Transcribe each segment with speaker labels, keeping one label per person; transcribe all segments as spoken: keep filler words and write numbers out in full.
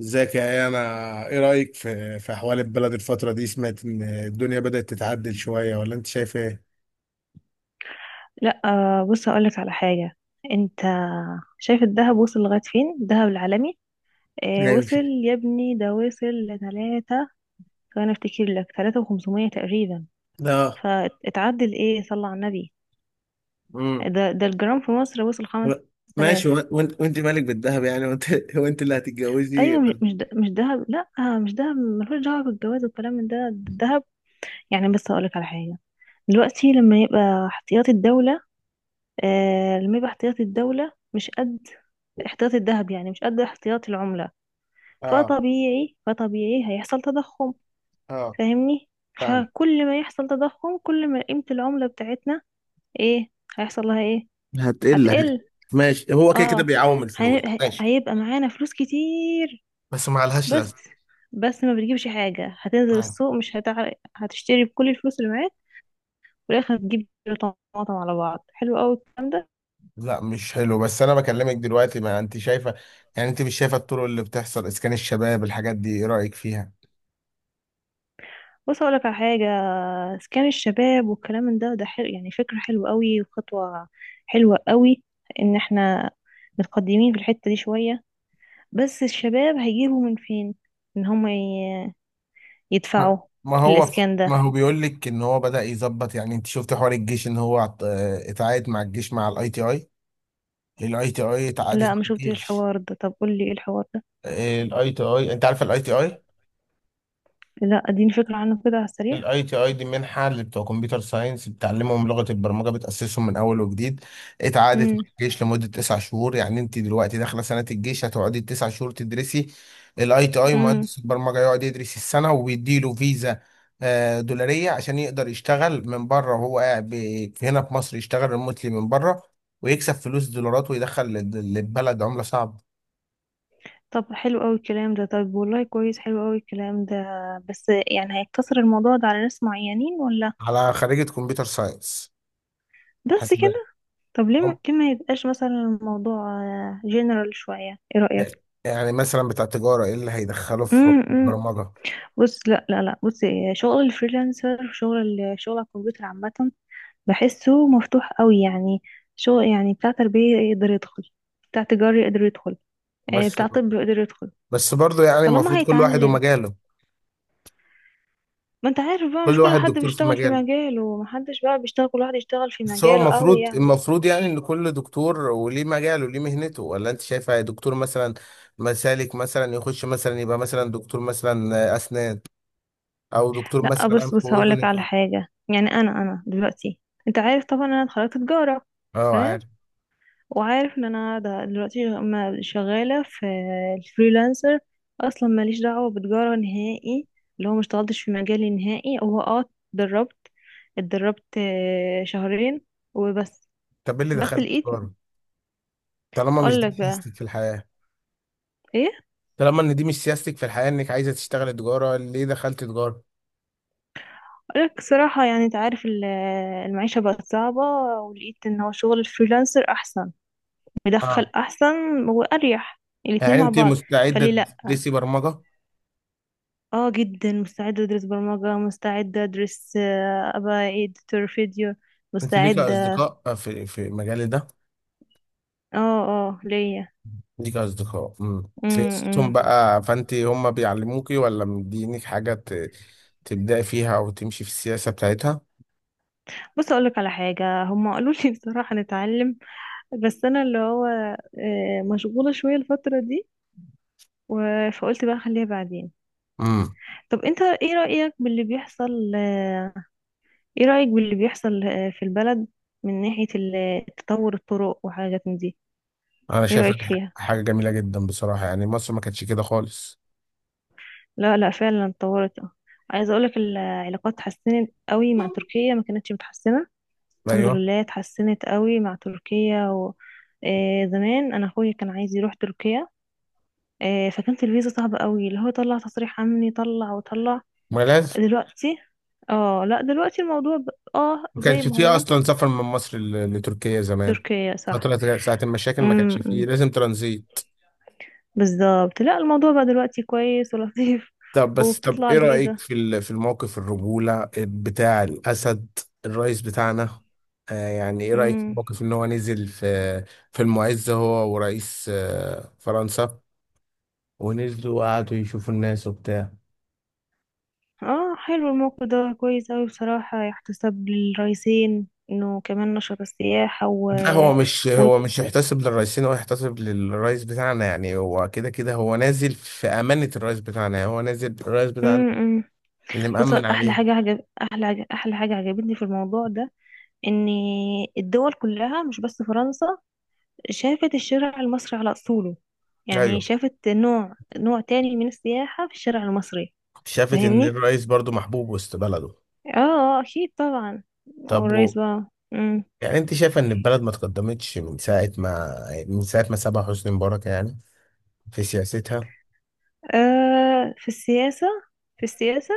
Speaker 1: ازيك يا ايه انا؟ ايه رايك في في احوال البلد الفتره دي؟ سمعت ان الدنيا بدات تتعدل شويه، ولا انت شايف ايه؟
Speaker 2: لا آه، بص هقولك على حاجة. انت شايف الذهب وصل لغاية فين؟ الذهب العالمي. آه، وصل
Speaker 1: ماشي.
Speaker 2: يا ابني، ده وصل لتلاتة. فانا افتكر لك تلاتة وخمسمية تقريبا.
Speaker 1: اه.
Speaker 2: فاتعدل ايه؟ صلى على النبي.
Speaker 1: امم.
Speaker 2: ده ده الجرام في مصر وصل خمس تلاف.
Speaker 1: ماشي. وانت وانت مالك بالذهب يعني؟ وانت وانت اللي هتتجوزي.
Speaker 2: ايوه، مش مش ده- مش دهب. لا، آه، مش دهب، ملوش دعوة بالجواز والكلام من ده ده الدهب. يعني بس هقولك على حاجة. دلوقتي لما يبقى احتياطي الدولة، آه لما يبقى احتياطي الدولة مش قد احتياطي الذهب، يعني مش قد احتياطي العملة.
Speaker 1: اه.
Speaker 2: فطبيعي فطبيعي هيحصل تضخم.
Speaker 1: اه.
Speaker 2: فاهمني؟
Speaker 1: فاهم.
Speaker 2: فكل ما يحصل تضخم، كل ما قيمة العملة بتاعتنا، ايه هيحصل لها؟ ايه؟
Speaker 1: هتقل.
Speaker 2: هتقل.
Speaker 1: ماشي، هو كده كده
Speaker 2: اه،
Speaker 1: بيعوم
Speaker 2: هن-
Speaker 1: الفلوس.
Speaker 2: هي-
Speaker 1: ماشي،
Speaker 2: هيبقى معانا فلوس كتير.
Speaker 1: بس ما لهاش
Speaker 2: بس
Speaker 1: لازمه.
Speaker 2: بس ما بتجيبش حاجة. هتنزل
Speaker 1: آه.
Speaker 2: السوق مش هتعرف هتشتري بكل الفلوس اللي معاك. في الآخر هتجيب كيلو طماطم على بعض. حلو قوي الكلام ده.
Speaker 1: لا مش حلو، بس انا بكلمك دلوقتي، ما انت شايفه؟ يعني انت مش شايفه الطرق اللي بتحصل، اسكان الشباب، الحاجات دي، ايه رايك فيها؟
Speaker 2: بص أقولك على حاجة. إسكان الشباب والكلام من ده، ده حلو، يعني فكرة حلوة قوي وخطوة حلوة قوي. إن احنا متقدمين في الحتة دي شوية، بس الشباب هيجيبوا من فين؟ إن هم ي- يدفعوا
Speaker 1: ما ما هو،
Speaker 2: للإسكان ده.
Speaker 1: ما هو بيقول لك ان هو بدأ يظبط. يعني انت شفت حوار الجيش ان هو عط- آه، اتعاقد مع الجيش، مع الاي تي اي. الاي تي اي اتعاقدت
Speaker 2: لا،
Speaker 1: مع
Speaker 2: ما شفتش
Speaker 1: الجيش.
Speaker 2: الحوار ده. طب قولي إيه الحوار ده.
Speaker 1: الاي تي اي، انت عارف الاي تي اي؟
Speaker 2: لا، اديني فكرة عنه كده على السريع.
Speaker 1: الاي تي اي دي منحه اللي بتوع كمبيوتر ساينس بتعلمهم لغه البرمجه، بتاسسهم من اول وجديد. اتعادت مع
Speaker 2: امم.
Speaker 1: الجيش لمده تسع شهور. يعني انت دلوقتي داخله سنه الجيش هتقعدي تسع شهور تدرسي الاي تي اي،
Speaker 2: امم.
Speaker 1: مهندس البرمجه يقعد يدرس السنه وبيديله فيزا آه، دولاريه عشان يقدر يشتغل من بره وهو قاعد ب- هنا في مصر، يشتغل ريموتلي من بره ويكسب فلوس دولارات ويدخل لل- للبلد عمله صعبه.
Speaker 2: طب، حلو قوي الكلام ده. طب والله كويس، حلو قوي الكلام ده. بس يعني هيقتصر الموضوع ده على ناس معينين ولا؟
Speaker 1: على خريجه كمبيوتر ساينس.
Speaker 2: بس
Speaker 1: حسب.
Speaker 2: كده؟ طب ليه م- ليه ما يبقاش مثلا الموضوع جنرال شوية؟ ايه رأيك؟
Speaker 1: يعني مثلا بتاع تجارة، ايه اللي هيدخله في حوار
Speaker 2: امم.
Speaker 1: البرمجة؟
Speaker 2: بص، لا، لا، لا، بص، إيه، شغل الفريلانسر، شغل ال- شغل على الكمبيوتر عامة. بحسه مفتوح قوي يعني. شغل يعني بتاع تربية يقدر يدخل، بتاع تجاري يقدر يدخل، آه،
Speaker 1: بس.
Speaker 2: بتاع طب يقدر يدخل.
Speaker 1: بس برضه يعني
Speaker 2: طالما
Speaker 1: المفروض كل واحد
Speaker 2: هيتعلم.
Speaker 1: ومجاله.
Speaker 2: ما انت عارف بقى،
Speaker 1: كل
Speaker 2: مش كل
Speaker 1: واحد
Speaker 2: حد
Speaker 1: دكتور في
Speaker 2: بيشتغل في
Speaker 1: مجاله.
Speaker 2: مجاله، ومحدش بقى بيشتغل، كل واحد يشتغل في
Speaker 1: بس هو
Speaker 2: مجاله قوي
Speaker 1: المفروض
Speaker 2: يعني.
Speaker 1: المفروض يعني ان كل دكتور وليه مجاله وليه مهنته. ولا انت شايفه دكتور مثلا مسالك مثلا يخش مثلا يبقى مثلا دكتور مثلا اسنان، او دكتور
Speaker 2: لا،
Speaker 1: مثلا
Speaker 2: بص
Speaker 1: انف
Speaker 2: بص هقولك
Speaker 1: واذن؟
Speaker 2: على حاجة. يعني انا انا دلوقتي، انت عارف طبعا انا اتخرجت تجارة.
Speaker 1: اه،
Speaker 2: تمام.
Speaker 1: عارف.
Speaker 2: وعارف ان انا ده دلوقتي ما- شغالة في الفريلانسر، اصلا ماليش دعوة بتجارة نهائي، اللي هو ما اشتغلتش في مجالي نهائي. هو اه اتدربت اتدربت آه، شهرين وبس.
Speaker 1: طب ايه اللي
Speaker 2: بس
Speaker 1: دخلك
Speaker 2: لقيت،
Speaker 1: تجارة؟ طالما مش
Speaker 2: اقول لك
Speaker 1: دي
Speaker 2: بقى
Speaker 1: سياستك في الحياة.
Speaker 2: ايه،
Speaker 1: طالما ان دي مش سياستك في الحياة، انك عايزة تشتغل تجارة، ليه دخلت تجارة؟
Speaker 2: اقول لك صراحة، يعني انت عارف، ال- المعيشة بقت صعبة، ولقيت ان هو شغل الفريلانسر احسن،
Speaker 1: اه.
Speaker 2: مدخل احسن، واريح، الاتنين
Speaker 1: يعني
Speaker 2: مع
Speaker 1: انت
Speaker 2: بعض.
Speaker 1: مستعده
Speaker 2: فليه لا؟
Speaker 1: تدرسي برمجه؟
Speaker 2: اه، جدا مستعدة ادرس برمجة، مستعدة ادرس، آه، ابقى editor فيديو،
Speaker 1: انت ليك
Speaker 2: مستعدة.
Speaker 1: اصدقاء آه، في في مجالي ده؟
Speaker 2: اه، اه، ليا.
Speaker 1: ليك اصدقاء، امم سياستهم
Speaker 2: امم.
Speaker 1: بقى، فانت هم بيعلموكي ولا مدينك حاجه ت... تبداي فيها او تمشي في السياسه بتاعتها؟
Speaker 2: بص اقولك على حاجة، هم قالوا لي بصراحة نتعلم، بس انا اللي هو آه، مشغولة شوية الفترة دي، و- فقلت بقى خليها بعدين.
Speaker 1: امم.
Speaker 2: طب انت ايه رأيك باللي بيحصل؟ آه، ايه رأيك باللي بيحصل آه، في البلد، من ناحية ال- تطور الطرق وحاجات من دي؟
Speaker 1: انا
Speaker 2: ايه
Speaker 1: شايف إن
Speaker 2: رأيك فيها؟
Speaker 1: ح- حاجه جميله جدا بصراحه، يعني مصر ما كانتش كده خالص.
Speaker 2: لا، لا، فعلا اتطورت، اه. عايزه اقولك، العلاقات اتحسنت قوي مع تركيا، ما كانتش متحسنه. الحمد
Speaker 1: ايوه.
Speaker 2: لله اتحسنت قوي مع تركيا. و... آه زمان انا اخويا كان عايز يروح تركيا، آه فكانت الفيزا صعبه قوي، اللي هو طلع تصريح امني، طلع وطلع.
Speaker 1: ما لازم.
Speaker 2: دلوقتي، اه، لا دلوقتي الموضوع. ب... اه،
Speaker 1: ما
Speaker 2: زي
Speaker 1: كانش
Speaker 2: ما
Speaker 1: فيه
Speaker 2: هو
Speaker 1: اصلا سفر من مصر ل... لتركيا زمان.
Speaker 2: تركيا، صح.
Speaker 1: فتره ساعه المشاكل ما كانش فيه،
Speaker 2: امم.
Speaker 1: لازم ترانزيت.
Speaker 2: بالظبط، لا الموضوع بقى دلوقتي كويس ولطيف
Speaker 1: طب بس، طب
Speaker 2: وبتطلع
Speaker 1: ايه رأيك
Speaker 2: الفيزا.
Speaker 1: في ال- في الموقف الرجولة بتاع الأسد؟ الرئيس بتاعنا. آه يعني ايه رأيك في الموقف ان هو نزل في، في المعز، هو ورئيس آه فرنسا، ونزلوا وقعدوا يشوفوا الناس وبتاع؟
Speaker 2: اه، حلو الموقف ده كويس اوي بصراحة، يحتسب للرئيسين انه كمان نشر السياحة. و,
Speaker 1: لا، هو مش
Speaker 2: و...
Speaker 1: هو مش يحتسب للرئيسين، هو يحتسب للرئيس بتاعنا. يعني هو كده كده هو نازل في أمانة الرئيس بتاعنا، يعني هو نازل الرئيس
Speaker 2: م
Speaker 1: بتاعنا
Speaker 2: م.
Speaker 1: اللي
Speaker 2: بص،
Speaker 1: مأمن
Speaker 2: احلى
Speaker 1: عليه.
Speaker 2: حاجة عجب... احلى عجب... احلى حاجة عجبتني في الموضوع ده، ان الدول كلها، مش بس فرنسا، شافت الشارع المصري على اصوله. يعني
Speaker 1: ايوه،
Speaker 2: شافت نوع نوع تاني من السياحة في الشارع المصري.
Speaker 1: شافت ان
Speaker 2: فاهمني؟
Speaker 1: الرئيس برضو محبوب وسط بلده.
Speaker 2: اه، آه، اكيد طبعا.
Speaker 1: طب
Speaker 2: والرئيس
Speaker 1: و-
Speaker 2: بقى. م.
Speaker 1: يعني انت شايفه ان البلد ما تقدمتش من ساعه ما من ساعه ما سابها حسني مبارك يعني؟ في سياستها.
Speaker 2: آه، في السياسة، في السياسة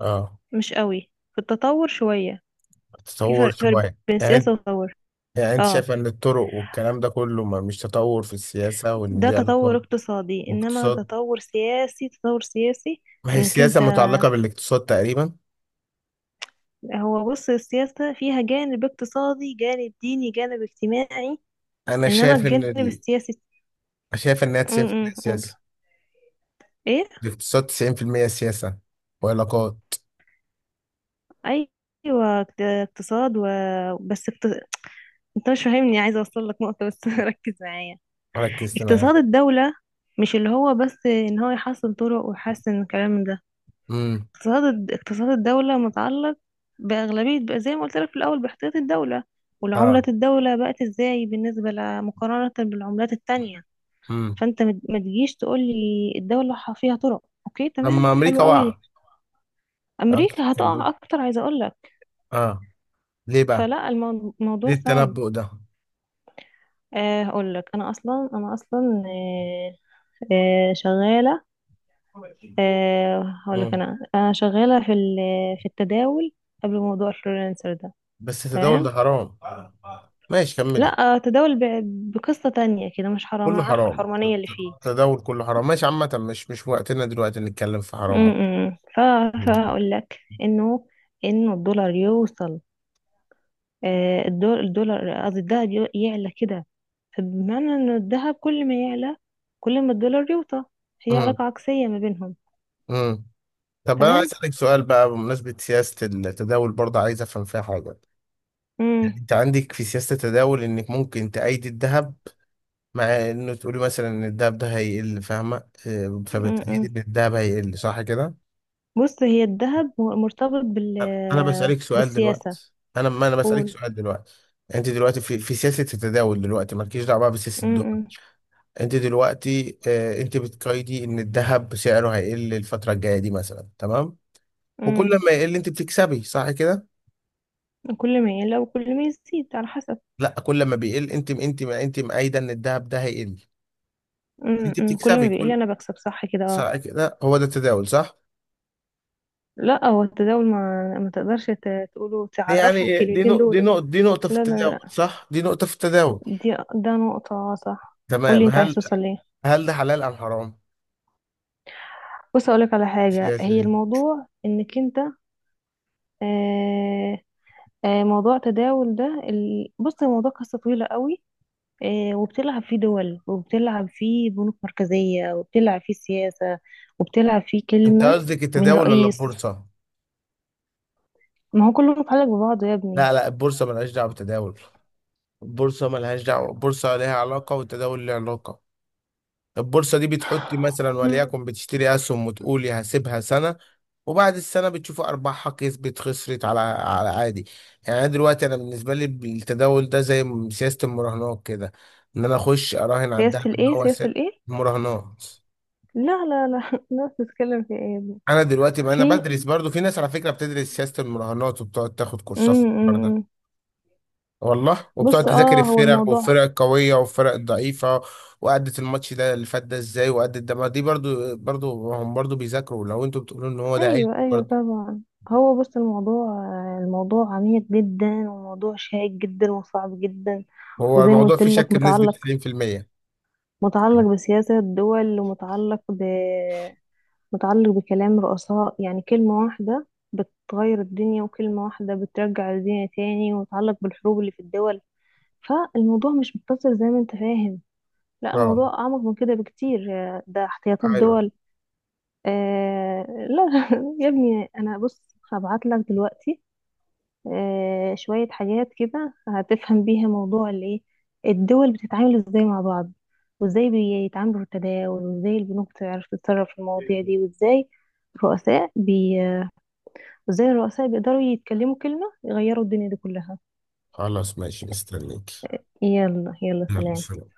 Speaker 1: اه.
Speaker 2: مش قوي. في التطور شوية. في
Speaker 1: تطور
Speaker 2: فرق فرق
Speaker 1: شويه،
Speaker 2: بين
Speaker 1: يعني انت-
Speaker 2: سياسة وتطور.
Speaker 1: يعني انت
Speaker 2: اه،
Speaker 1: شايفه ان الطرق والكلام ده كله ما مش تطور في السياسه وان
Speaker 2: ده
Speaker 1: دي
Speaker 2: تطور
Speaker 1: علاقات
Speaker 2: اقتصادي، انما
Speaker 1: واقتصاد؟
Speaker 2: تطور سياسي، تطور سياسي.
Speaker 1: ما هي
Speaker 2: انك
Speaker 1: السياسه
Speaker 2: انت،
Speaker 1: متعلقه بالاقتصاد تقريبا.
Speaker 2: هو بص، السياسة فيها جانب اقتصادي، جانب ديني، جانب اجتماعي،
Speaker 1: انا
Speaker 2: انما
Speaker 1: شايف ان
Speaker 2: الجانب
Speaker 1: ال...
Speaker 2: السياسي.
Speaker 1: شايف انها
Speaker 2: م- م-
Speaker 1: تسعين بالمية
Speaker 2: قول.
Speaker 1: سياسه.
Speaker 2: ايه.
Speaker 1: الاقتصاد تسعين بالمية سياسه وعلاقات.
Speaker 2: ايوه، اقت- اقتصاد. و... بس اقت. انت مش فاهمني، عايزة اوصل لك نقطة بس ركز معايا.
Speaker 1: ركزت
Speaker 2: اقتصاد
Speaker 1: معاك.
Speaker 2: الدولة مش اللي هو بس ان هو يحسن طرق ويحسن الكلام ده.
Speaker 1: امم.
Speaker 2: اقتصاد الد- اقتصاد الدولة متعلق بأغلبية، بقى زي ما قلت لك في الأول، باحتياط الدولة، والعملة،
Speaker 1: اه.
Speaker 2: الدولة بقت ازاي بالنسبة ل- مقارنة بالعملات التانية.
Speaker 1: امم.
Speaker 2: فانت مت- ما تجيش تقول لي الدولة ح- فيها طرق، اوكي تمام
Speaker 1: لما
Speaker 2: حلو
Speaker 1: امريكا وقع.
Speaker 2: قوي.
Speaker 1: اه،
Speaker 2: أمريكا
Speaker 1: اتكلمت.
Speaker 2: هتقع أكتر، عايزة أقول لك.
Speaker 1: اه. ليه بقى؟
Speaker 2: فلا، المو-
Speaker 1: ليه
Speaker 2: الموضوع صعب.
Speaker 1: التنبؤ ده؟
Speaker 2: آه، هقول لك أنا أصلا، أنا أصلا آه، آه، شغالة. آه، هقول لك،
Speaker 1: مم.
Speaker 2: أنا أنا شغالة في ال- في التداول قبل موضوع الفريلانسر ده.
Speaker 1: بس التداول ده
Speaker 2: تمام.
Speaker 1: حرام. ماشي، كملي.
Speaker 2: لا، تداول ب- بقصة تانية كده مش حرام،
Speaker 1: كله
Speaker 2: انا عارفة
Speaker 1: حرام.
Speaker 2: الحرمانية اللي فيه.
Speaker 1: التداول كله حرام، ماشي. عامة، مش مش وقتنا دلوقتي نتكلم في حرام.
Speaker 2: امم. ف- فهقول لك انه انه الدولار يوصل. آه، الدول- الدولار، قصدي الذهب، يو- يعلى كده. فبمعنى ان الذهب كل ما يعلى، كل ما الدولار يوطى. هي
Speaker 1: امم.
Speaker 2: علاقة عكسية ما بينهم.
Speaker 1: امم. طب انا عايز
Speaker 2: تمام.
Speaker 1: اسالك سؤال بقى، بمناسبه سياسه التداول برضه عايز افهم فيها حاجه.
Speaker 2: امم.
Speaker 1: يعني انت عندك في سياسه التداول انك ممكن تأيد الذهب، مع انه تقولي مثلا ان الذهب ده هيقل، فاهمه؟ آه،
Speaker 2: امم.
Speaker 1: فبتأيد ان الذهب هيقل، صح كده؟
Speaker 2: بص، هي الذهب هو مرتبط بال
Speaker 1: انا بسالك سؤال
Speaker 2: بالسياسة.
Speaker 1: دلوقتي، انا ما انا بسالك
Speaker 2: قول.
Speaker 1: سؤال دلوقتي. انت دلوقتي في في سياسه التداول دلوقتي، مالكيش دعوه بقى بسياسه الدول.
Speaker 2: امم.
Speaker 1: انت دلوقتي آه انت بتقيدي ان الذهب سعره هيقل الفتره الجايه دي مثلا، تمام؟ وكل
Speaker 2: امم.
Speaker 1: ما يقل انت بتكسبي، صح كده؟
Speaker 2: كل ما يعلى وكل ما يزيد على حسب.
Speaker 1: لا، كل ما بيقل انت، انت انت مأيده ان الذهب ده هيقل.
Speaker 2: أمم،
Speaker 1: انت
Speaker 2: أمم، كل
Speaker 1: بتكسبي
Speaker 2: ما بيقول لي
Speaker 1: كل،
Speaker 2: انا بكسب، صح كده؟ اه.
Speaker 1: صح كده؟ هو ده التداول، صح؟
Speaker 2: لا، هو التداول ما ما تقدرش ت- تقوله
Speaker 1: يعني
Speaker 2: تعرفه
Speaker 1: إيه؟ دي
Speaker 2: الكلمتين
Speaker 1: نقطة، دي
Speaker 2: دول.
Speaker 1: نقطة دي نقطة في
Speaker 2: لا، لا،
Speaker 1: التداول،
Speaker 2: لا.
Speaker 1: صح، دي نقطة في التداول.
Speaker 2: دي ده نقطة، آه، صح. قولي
Speaker 1: تمام.
Speaker 2: انت عايز
Speaker 1: هل
Speaker 2: توصل ليه.
Speaker 1: هل ده حلال أم حرام،
Speaker 2: بص اقولك على حاجة،
Speaker 1: السياسة
Speaker 2: هي
Speaker 1: دي؟
Speaker 2: الموضوع انك انت. آه، آه، موضوع تداول ده، ال- بص الموضوع قصة طويلة قوي. آه وبتلعب فيه دول، وبتلعب فيه بنوك مركزية، وبتلعب فيه سياسة، وبتلعب فيه
Speaker 1: انت
Speaker 2: كلمة
Speaker 1: قصدك
Speaker 2: من
Speaker 1: التداول ولا
Speaker 2: رئيس.
Speaker 1: البورصة؟
Speaker 2: ما هو كله متعلق ببعضه يا
Speaker 1: لا، لا البورصة ملهاش دعوة بالتداول. البورصة ملهاش دعوة، البورصة ليها علاقة والتداول ليه علاقة. البورصة دي بتحطي مثلا،
Speaker 2: ابني.
Speaker 1: وليكن بتشتري أسهم وتقولي هسيبها سنة، وبعد السنة بتشوفي أرباحها، كسبت خسرت، على على عادي. يعني أنا دلوقتي أنا بالنسبة لي التداول ده زي م- سياسة المراهنات كده. إن أنا أخش أراهن على
Speaker 2: سياسة
Speaker 1: الدهب إن
Speaker 2: الايه؟
Speaker 1: هو س-
Speaker 2: سياسة الايه؟
Speaker 1: المراهنات.
Speaker 2: لا، لا، لا الناس بتتكلم في ايه يا ابني؟
Speaker 1: أنا دلوقتي ما أنا
Speaker 2: في.
Speaker 1: بدرس، برضو في ناس على فكرة بتدرس سياسة المراهنات وبتقعد تاخد كورسات في الحوار ده.
Speaker 2: امم.
Speaker 1: والله، وبتقعد
Speaker 2: بص،
Speaker 1: تذاكر
Speaker 2: اه هو
Speaker 1: الفرق،
Speaker 2: الموضوع.
Speaker 1: والفرق القوية والفرق الضعيفة، وأدت الماتش ده اللي فات ده ازاي، وأدت ده. ما دي برضو، برضو هم برضو بيذاكروا، لو انتوا بتقولوا ان هو ده عيب
Speaker 2: ايوه، ايوه،
Speaker 1: برضو.
Speaker 2: طبعا. هو بص الموضوع، الموضوع عميق جدا، وموضوع شائك جدا، وصعب جدا.
Speaker 1: هو
Speaker 2: وزي ما
Speaker 1: الموضوع
Speaker 2: قلت
Speaker 1: فيه
Speaker 2: لك،
Speaker 1: شك بنسبة
Speaker 2: متعلق
Speaker 1: تسعين في المية.
Speaker 2: متعلق بسياسة الدول، ومتعلق ب متعلق بكلام رؤساء، يعني كلمة واحدة بتغير الدنيا، وكلمة واحدة بترجع الدنيا تاني، ومتعلق بالحروب اللي في الدول. فالموضوع مش مقتصر زي ما انت فاهم، لا
Speaker 1: اه.
Speaker 2: الموضوع أعمق من كده بكتير. آه، ده احتياطات
Speaker 1: ايوه.
Speaker 2: دول. آه. لا يا ابني، أنا بص هبعت لك دلوقتي آه شوية حاجات كده هتفهم بيها موضوع الإيه، الدول بتتعامل إزاي مع بعض، وإزاي بيتعاملوا في التداول، وإزاي البنوك بتعرف تتصرف في المواضيع دي، وإزاي الرؤساء، بي... وإزاي الرؤساء بيقدروا يتكلموا كلمة يغيروا الدنيا دي كلها.
Speaker 1: خلاص، ماشي، مستنيك.
Speaker 2: يلا، يلا،
Speaker 1: يلا
Speaker 2: سلام.
Speaker 1: سلام.